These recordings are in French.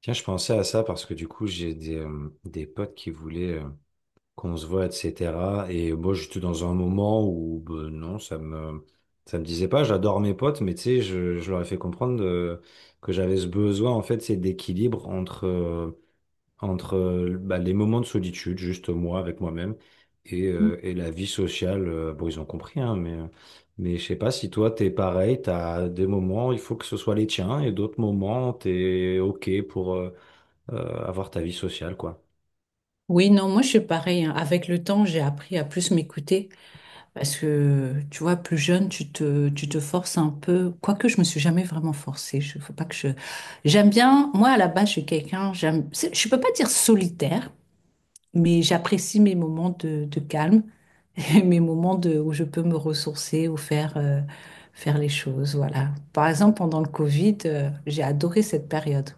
Tiens, je pensais à ça parce que du coup, j'ai des potes qui voulaient qu'on se voit, etc. Et moi, j'étais dans un moment où, ben, non, ça me disait pas, j'adore mes potes, mais tu sais, je leur ai fait comprendre que j'avais ce besoin, en fait, c'est d'équilibre entre, bah, les moments de solitude, juste moi, avec moi-même, et la vie sociale. Bon, ils ont compris, hein, mais je sais pas si toi, t'es pareil, t'as des moments, il faut que ce soit les tiens, et d'autres moments, t'es OK pour. Avoir ta vie sociale, quoi. Oui, non, moi je suis pareil, hein. Avec le temps, j'ai appris à plus m'écouter parce que, tu vois, plus jeune, tu te forces un peu. Quoique, je me suis jamais vraiment forcée. Je, faut pas que je. J'aime bien. Moi, à la base, je suis quelqu'un. J'aime. Je peux pas dire solitaire, mais j'apprécie mes moments de calme et mes moments de où je peux me ressourcer ou faire faire les choses. Voilà. Par exemple, pendant le Covid, j'ai adoré cette période.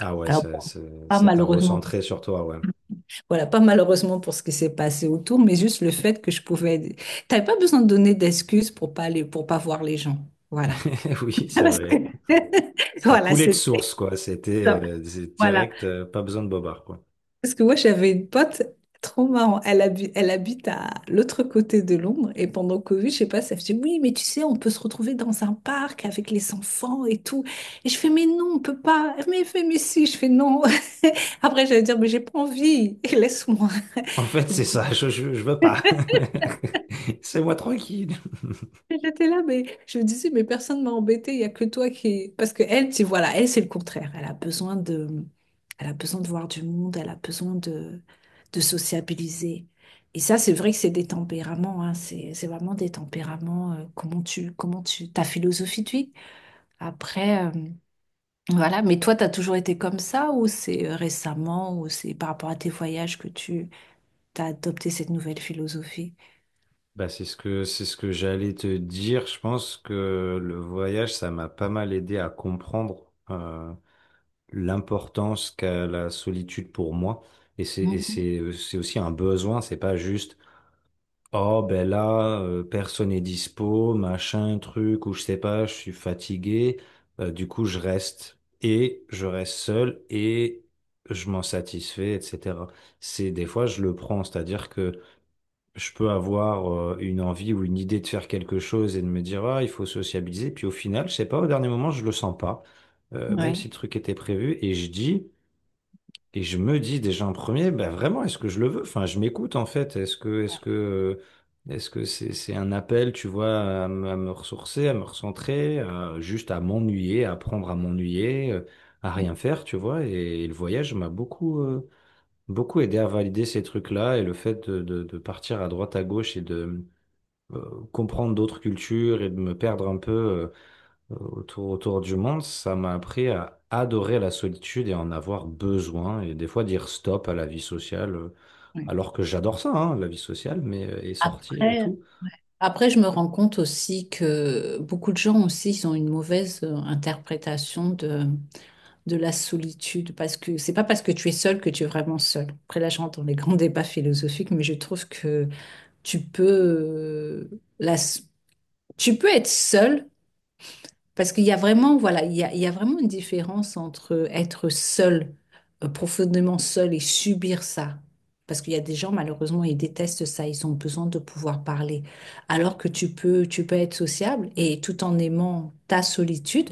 Ah ouais, Alors, bon, pas ça t'a malheureusement. recentré sur toi, ouais. Voilà, pas malheureusement pour ce qui s'est passé autour, mais juste le fait que je pouvais. T'avais pas besoin de donner d'excuses pour pas aller, pour pas voir les gens. Voilà. Oui, c'est Parce que- vrai. Ça Voilà, coulait de c'est source, quoi. Ça. C'est Voilà. direct, pas besoin de bobard, quoi. Parce que moi, j'avais une pote trop marrant. Elle habite à l'autre côté de Londres et pendant Covid, je sais pas, ça faisait oui, mais tu sais, on peut se retrouver dans un parc avec les enfants et tout. Et je fais mais non, on peut pas. Mais elle fait mais si, je fais non. Après, j'allais dire mais j'ai pas envie. Laisse-moi. En fait, c'est ça, je veux pas. C'est moi tranquille. J'étais là, mais je me disais, mais personne m'a embêtée, il n'y a que toi qui... Parce que elle, tu voilà, elle, c'est le contraire. Elle a besoin de... Elle a besoin de voir du monde, elle a besoin de sociabiliser. Et ça, c'est vrai que c'est des tempéraments, hein. C'est vraiment des tempéraments, comment tu, ta philosophie de vie. Après, voilà, mais toi, tu as toujours été comme ça ou c'est récemment ou c'est par rapport à tes voyages que tu as adopté cette nouvelle philosophie? Bah, c'est ce que j'allais te dire. Je pense que le voyage, ça m'a pas mal aidé à comprendre l'importance qu'a la solitude pour moi. Et Mhm. C'est aussi un besoin, c'est pas juste. Oh, ben là, personne n'est dispo, machin, truc, ou je sais pas, je suis fatigué. Du coup, je reste. Et je reste seul et je m'en satisfais, etc. C'est des fois, je le prends. C'est-à-dire que je peux avoir une envie ou une idée de faire quelque chose et de me dire, ah, il faut sociabiliser. Puis au final, je sais pas, au dernier moment, je le sens pas. Même si Ouais. le truc était prévu. Et je dis, et je me dis déjà en premier, bah vraiment, est-ce que je le veux? Enfin, je m'écoute en fait. Ouais, Est-ce que c'est un appel, tu vois, à me ressourcer, à me recentrer, juste à m'ennuyer, à apprendre à m'ennuyer, à ouais, rien faire, tu vois? Et, le voyage m'a beaucoup aidé à valider ces trucs-là et le fait de partir à droite à gauche et de comprendre d'autres cultures et de me perdre un peu. Autour du monde, ça m'a appris à adorer la solitude et à en avoir besoin, et des fois dire stop à la vie sociale, ouais. alors que j'adore ça, hein, la vie sociale, mais et sortir et Après, tout. après, je me rends compte aussi que beaucoup de gens aussi, ils ont une mauvaise interprétation de la solitude, parce que c'est pas parce que tu es seul que tu es vraiment seul. Après, là, je rentre dans les grands débats philosophiques, mais je trouve que tu peux, la, tu peux être seul parce qu'il y a vraiment, voilà, il y a vraiment une différence entre être seul, profondément seul et subir ça. Parce qu'il y a des gens, malheureusement, ils détestent ça, ils ont besoin de pouvoir parler. Alors que tu peux être sociable et tout en aimant ta solitude,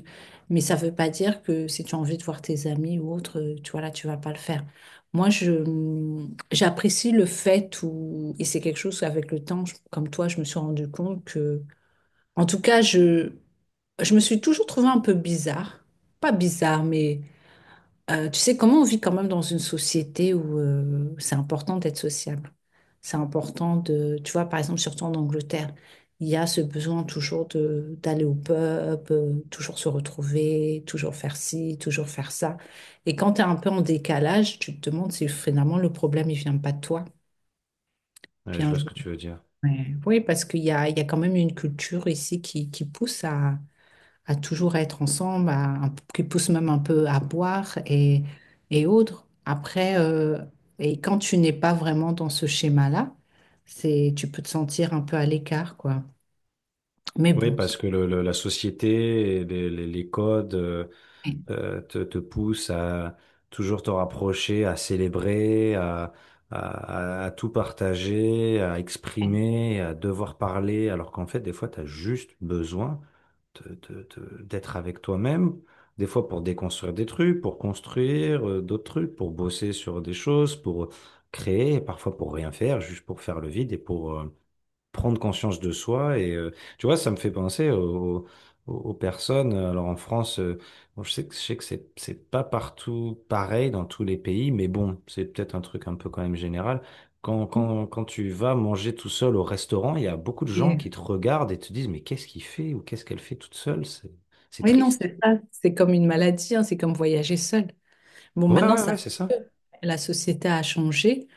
mais ça ne veut pas dire que si tu as envie de voir tes amis ou autre, tu vois là, tu vas pas le faire. Moi, je, j'apprécie le fait où, et c'est quelque chose avec le temps, comme toi, je me suis rendu compte que, en tout cas, je me suis toujours trouvée un peu bizarre. Pas bizarre, mais tu sais comment on vit quand même dans une société où c'est important d'être sociable. C'est important de, tu vois, par exemple, surtout en Angleterre, il y a ce besoin toujours de d'aller au pub, toujours se retrouver, toujours faire ci, toujours faire ça. Et quand tu es un peu en décalage, tu te demandes si finalement le problème, il vient pas de toi. Ouais, je Bien, vois je- ce que tu veux dire. Ouais. Oui, parce qu'il y a quand même une culture ici qui pousse à toujours être ensemble, à, un- qui poussent même un peu à boire et autres. Après, et quand tu n'es pas vraiment dans ce schéma-là, c'est, tu peux te sentir un peu à l'écart, quoi. Mais Oui, bon, ça- parce que la société, et les codes oui, te, te poussent à toujours te rapprocher, à célébrer, à, à tout partager, à exprimer, à devoir parler, alors qu'en fait, des fois, tu as juste besoin. D'être avec toi-même, des fois pour déconstruire des trucs, pour construire d'autres trucs, pour bosser sur des choses, pour créer, et parfois pour rien faire, juste pour faire le vide et pour prendre conscience de soi. Tu vois, ça me fait penser aux personnes. Alors en France, bon, je sais que c'est pas partout pareil dans tous les pays, mais bon, c'est peut-être un truc un peu quand même général. Quand tu vas manger tout seul au restaurant, il y a beaucoup de gens oui. qui te regardent et te disent, mais qu'est-ce qu'il fait ou qu'est-ce qu'elle fait toute seule? C'est Oui, non, triste. c'est ça. C'est comme une maladie, hein, c'est comme voyager seul. Bon, Ouais, maintenant, ouais, ouais, ça, c'est ça. la société a changé,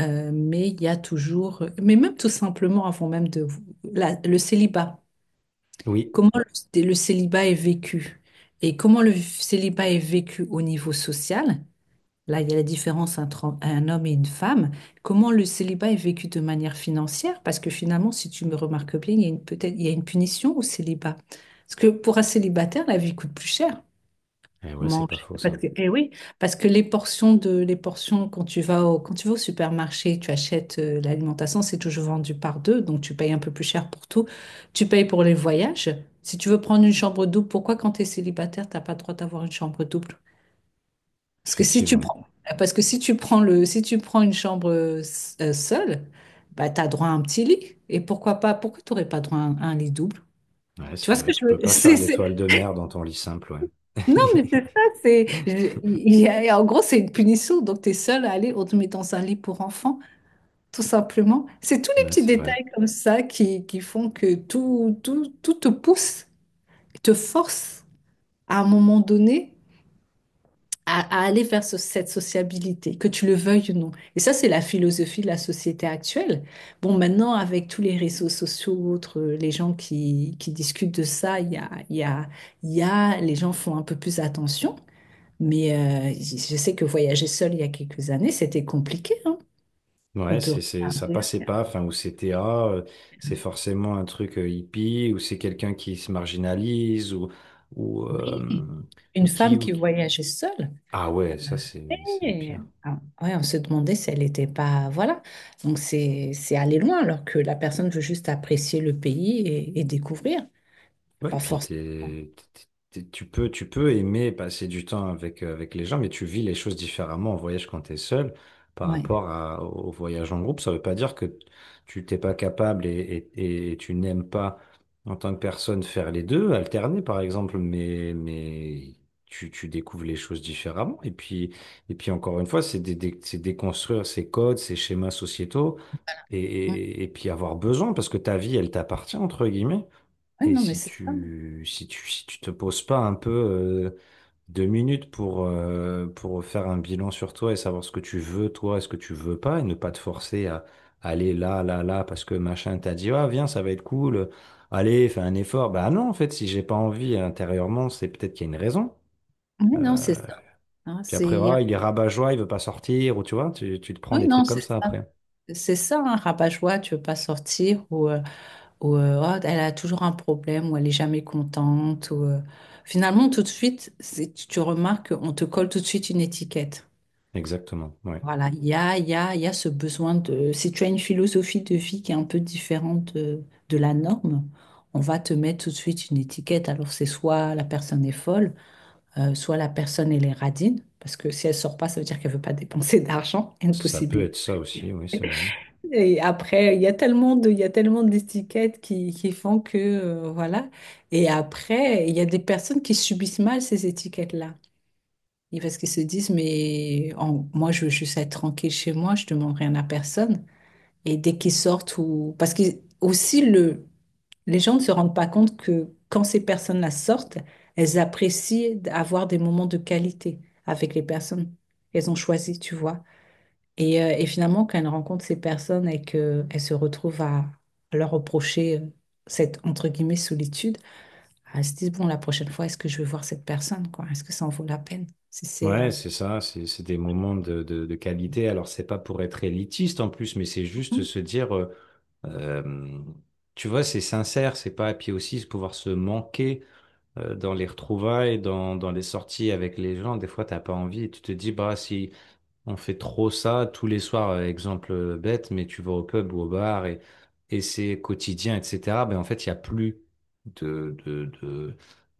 mais il y a toujours, mais même tout simplement avant même de le célibat. Oui. Comment le célibat est vécu? Et comment le célibat est vécu au niveau social? Là, il y a la différence entre un homme et une femme. Comment le célibat est vécu de manière financière? Parce que finalement, si tu me remarques bien, il y a une, peut-être, il y a une punition au célibat. Parce que pour un célibataire, la vie coûte plus cher Et ouais, c'est pas mange. faux, Parce ça. que, eh oui, parce que les portions de, les portions, quand tu vas au, quand tu vas au supermarché, tu achètes l'alimentation, c'est toujours vendu par deux, donc tu payes un peu plus cher pour tout. Tu payes pour les voyages. Si tu veux prendre une chambre double, pourquoi quand tu es célibataire, t'as pas le droit d'avoir une chambre double? Parce que si tu Effectivement. prends, parce que si tu prends le, si tu prends une chambre seule, bah, tu as droit à un petit lit. Et pourquoi pas, pourquoi tu n'aurais pas droit à un lit double? Ouais, Tu c'est vois ce que vrai. Tu je veux? peux pas faire c'est- l'étoile de mer dans ton lit simple, ouais. Non, mais c'est ça, c'est. Je- il y a- en gros, c'est une punition, donc tu es seul à aller, on te met dans un lit pour enfants, tout simplement. C'est tous les Ouais, petits c'est vrai. détails comme ça qui font que tout, tout, tout te pousse, te force à un moment donné à aller vers ce- cette sociabilité, que tu le veuilles ou non. Et ça, c'est la philosophie de la société actuelle. Bon, maintenant, avec tous les réseaux sociaux, autres, les gens qui discutent de ça, il y a, les gens font un peu plus attention. Mais je sais que voyager seule il y a quelques années, c'était compliqué, hein. On Ouais, te ça regardait. passait pas, enfin, ou c'était, c'est forcément un truc hippie, ou c'est quelqu'un qui se marginalise, ou, ou, Oui, euh, ou une qui, femme ou qui qui- voyageait seule. Ah ouais, ça, c'est le Et, pire. ah, ouais, on se demandait si elle n'était pas. Voilà. Donc c'est aller loin alors que la personne veut juste apprécier le pays et découvrir. Ouais, Pas puis forcément. Tu peux aimer passer du temps avec les gens, mais tu vis les choses différemment en voyage quand tu es seul par Ouais. rapport au voyage en groupe. Ça ne veut pas dire que tu t'es pas capable et tu n'aimes pas en tant que personne faire les deux, alterner par exemple, mais tu découvres les choses différemment. Et puis encore une fois, c'est déconstruire ces codes, ces schémas sociétaux et, Mm. et et puis avoir besoin parce que ta vie, elle t'appartient, entre guillemets. Ouais, Et non, mais si c'est ça. Si tu te poses pas un peu deux minutes pour faire un bilan sur toi et savoir ce que tu veux, toi, et ce que tu veux pas, et ne pas te forcer à aller là, là, là, parce que machin t'a dit, ah, viens, ça va être cool, allez, fais un effort. Bah non, en fait, si j'ai pas envie intérieurement, c'est peut-être qu'il y a une raison. Ouais, non, c'est ça. Hein, Puis c'est, après, y ah, a- il est rabat-joie, il veut pas sortir, ou tu vois, tu te prends Oui, des non, trucs comme c'est ça ça. après. C'est ça, un rabat-joie, tu veux pas sortir ou. Oh, elle a toujours un problème, ou elle est jamais contente, ou finalement tout de suite, tu tu remarques qu'on te colle tout de suite une étiquette. Exactement, ouais. Voilà, il y a ce besoin de... Si tu as une philosophie de vie qui est un peu différente de la norme, on va te mettre tout de suite une étiquette. Alors c'est soit la personne est folle, soit la personne elle est radine, parce que si elle sort pas, ça veut dire qu'elle veut pas dépenser d'argent, Ça peut impossible. être ça aussi, oui, c'est vrai. Et après, il y a tellement d'étiquettes qui font que, voilà. Et après, il y a des personnes qui subissent mal ces étiquettes-là. Et parce qu'ils se disent, mais en- moi, je veux juste être tranquille chez moi, je demande rien à personne. Et dès qu'ils sortent ou... Parce que aussi, le, les gens ne se rendent pas compte que quand ces personnes-là sortent, elles apprécient d'avoir des moments de qualité avec les personnes qu'elles ont choisies, tu vois. Et finalement, quand elle rencontre ces personnes et qu'elle se retrouve à leur reprocher cette, entre guillemets, solitude, elle se dit, bon, la prochaine fois, est-ce que je vais voir cette personne, quoi? Est-ce que ça en vaut la peine? Si c'est... Ouais, c'est ça, c'est des moments de, de qualité. Alors, c'est pas pour être élitiste en plus, mais c'est juste se dire, euh, tu vois, c'est sincère, c'est pas, et puis aussi se pouvoir se manquer dans les retrouvailles, dans les sorties avec les gens. Des fois, t'as pas envie, tu te dis, bah, si, on fait trop ça tous les soirs, exemple bête, mais tu vas au pub ou au bar et c'est quotidien, etc. Ben en fait, il n'y a plus de...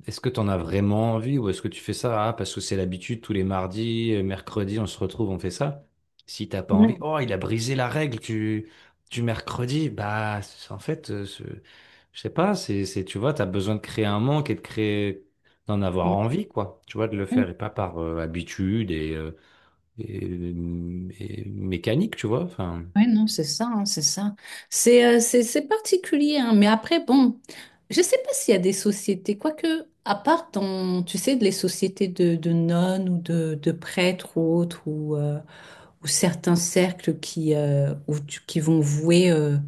Est-ce que tu en as vraiment envie ou est-ce que tu fais ça ah, parce que c'est l'habitude, tous les mardis, mercredis, on se retrouve, on fait ça. Si t'as pas Ouais. envie, oh, il a brisé la règle du mercredi, je sais pas, c'est, tu vois, tu as besoin de créer un manque et de créer, d'en avoir Ouais, envie, quoi. Tu vois, de le ouais, faire et pas par habitude et... et- et mécanique, tu vois. Enfin, ouais, non, c'est ça, hein, c'est ça. C'est c'est particulier, hein, mais après, bon, je sais pas s'il y a des sociétés, quoique, à part dans, tu sais, les sociétés de nonnes ou de prêtres ou autres, ou certains cercles qui, où tu- qui vont vouer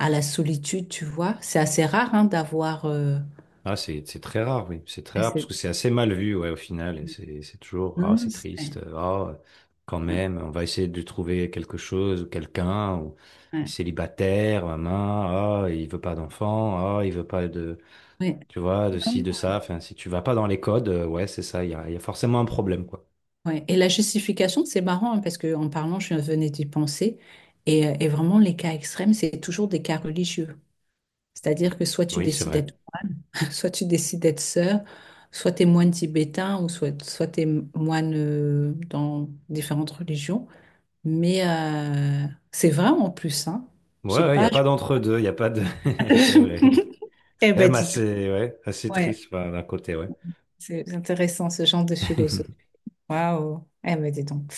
à la solitude, tu vois. C'est assez rare hein, d'avoir. Ah, c'est très rare, oui. C'est très Ouais, rare parce c'est- que c'est assez mal vu, ouais, au final. Et c'est toujours, non, ah, non, c'est triste, c'est- ah, quand ouais, même, on va essayer de trouver quelque chose ou quelqu'un, ou il est ouais, célibataire, maman, ah, il veut pas d'enfant, ah, il veut pas de, ouais, tu ouais, vois, de ci, non, de ça. Enfin, si tu vas pas dans les codes, ouais, c'est ça, il y a forcément un problème, quoi. non, ouais. Et la justification, c'est marrant hein, parce que en parlant, je venais d'y penser. Et vraiment, les cas extrêmes, c'est toujours des cas religieux. C'est-à-dire que soit tu Oui, c'est décides vrai. d'être, soit tu décides d'être sœur, soit tu es moine tibétain ou soit, soit tu es moine dans différentes religions. Mais c'est vrai en plus, hein. Je Ouais, sais ouais, il n'y pas. a Je- pas d'entre-deux, il n'y a pas de... C'est vrai. Eh ben, Même dis assez, donc. ouais, assez Ouais, triste, enfin, d'un côté, ouais. c'est intéressant ce genre de philosophie. Waouh. Eh ben, dis donc.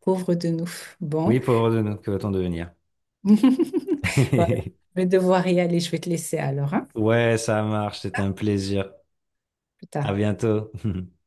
Pauvre de nous. Bon. Oui, pour de notre que va-t-on devenir? Voilà. Je vais devoir y aller. Je vais te laisser alors, hein, Ouais, ça marche, c'était un plaisir. plus À tard. bientôt.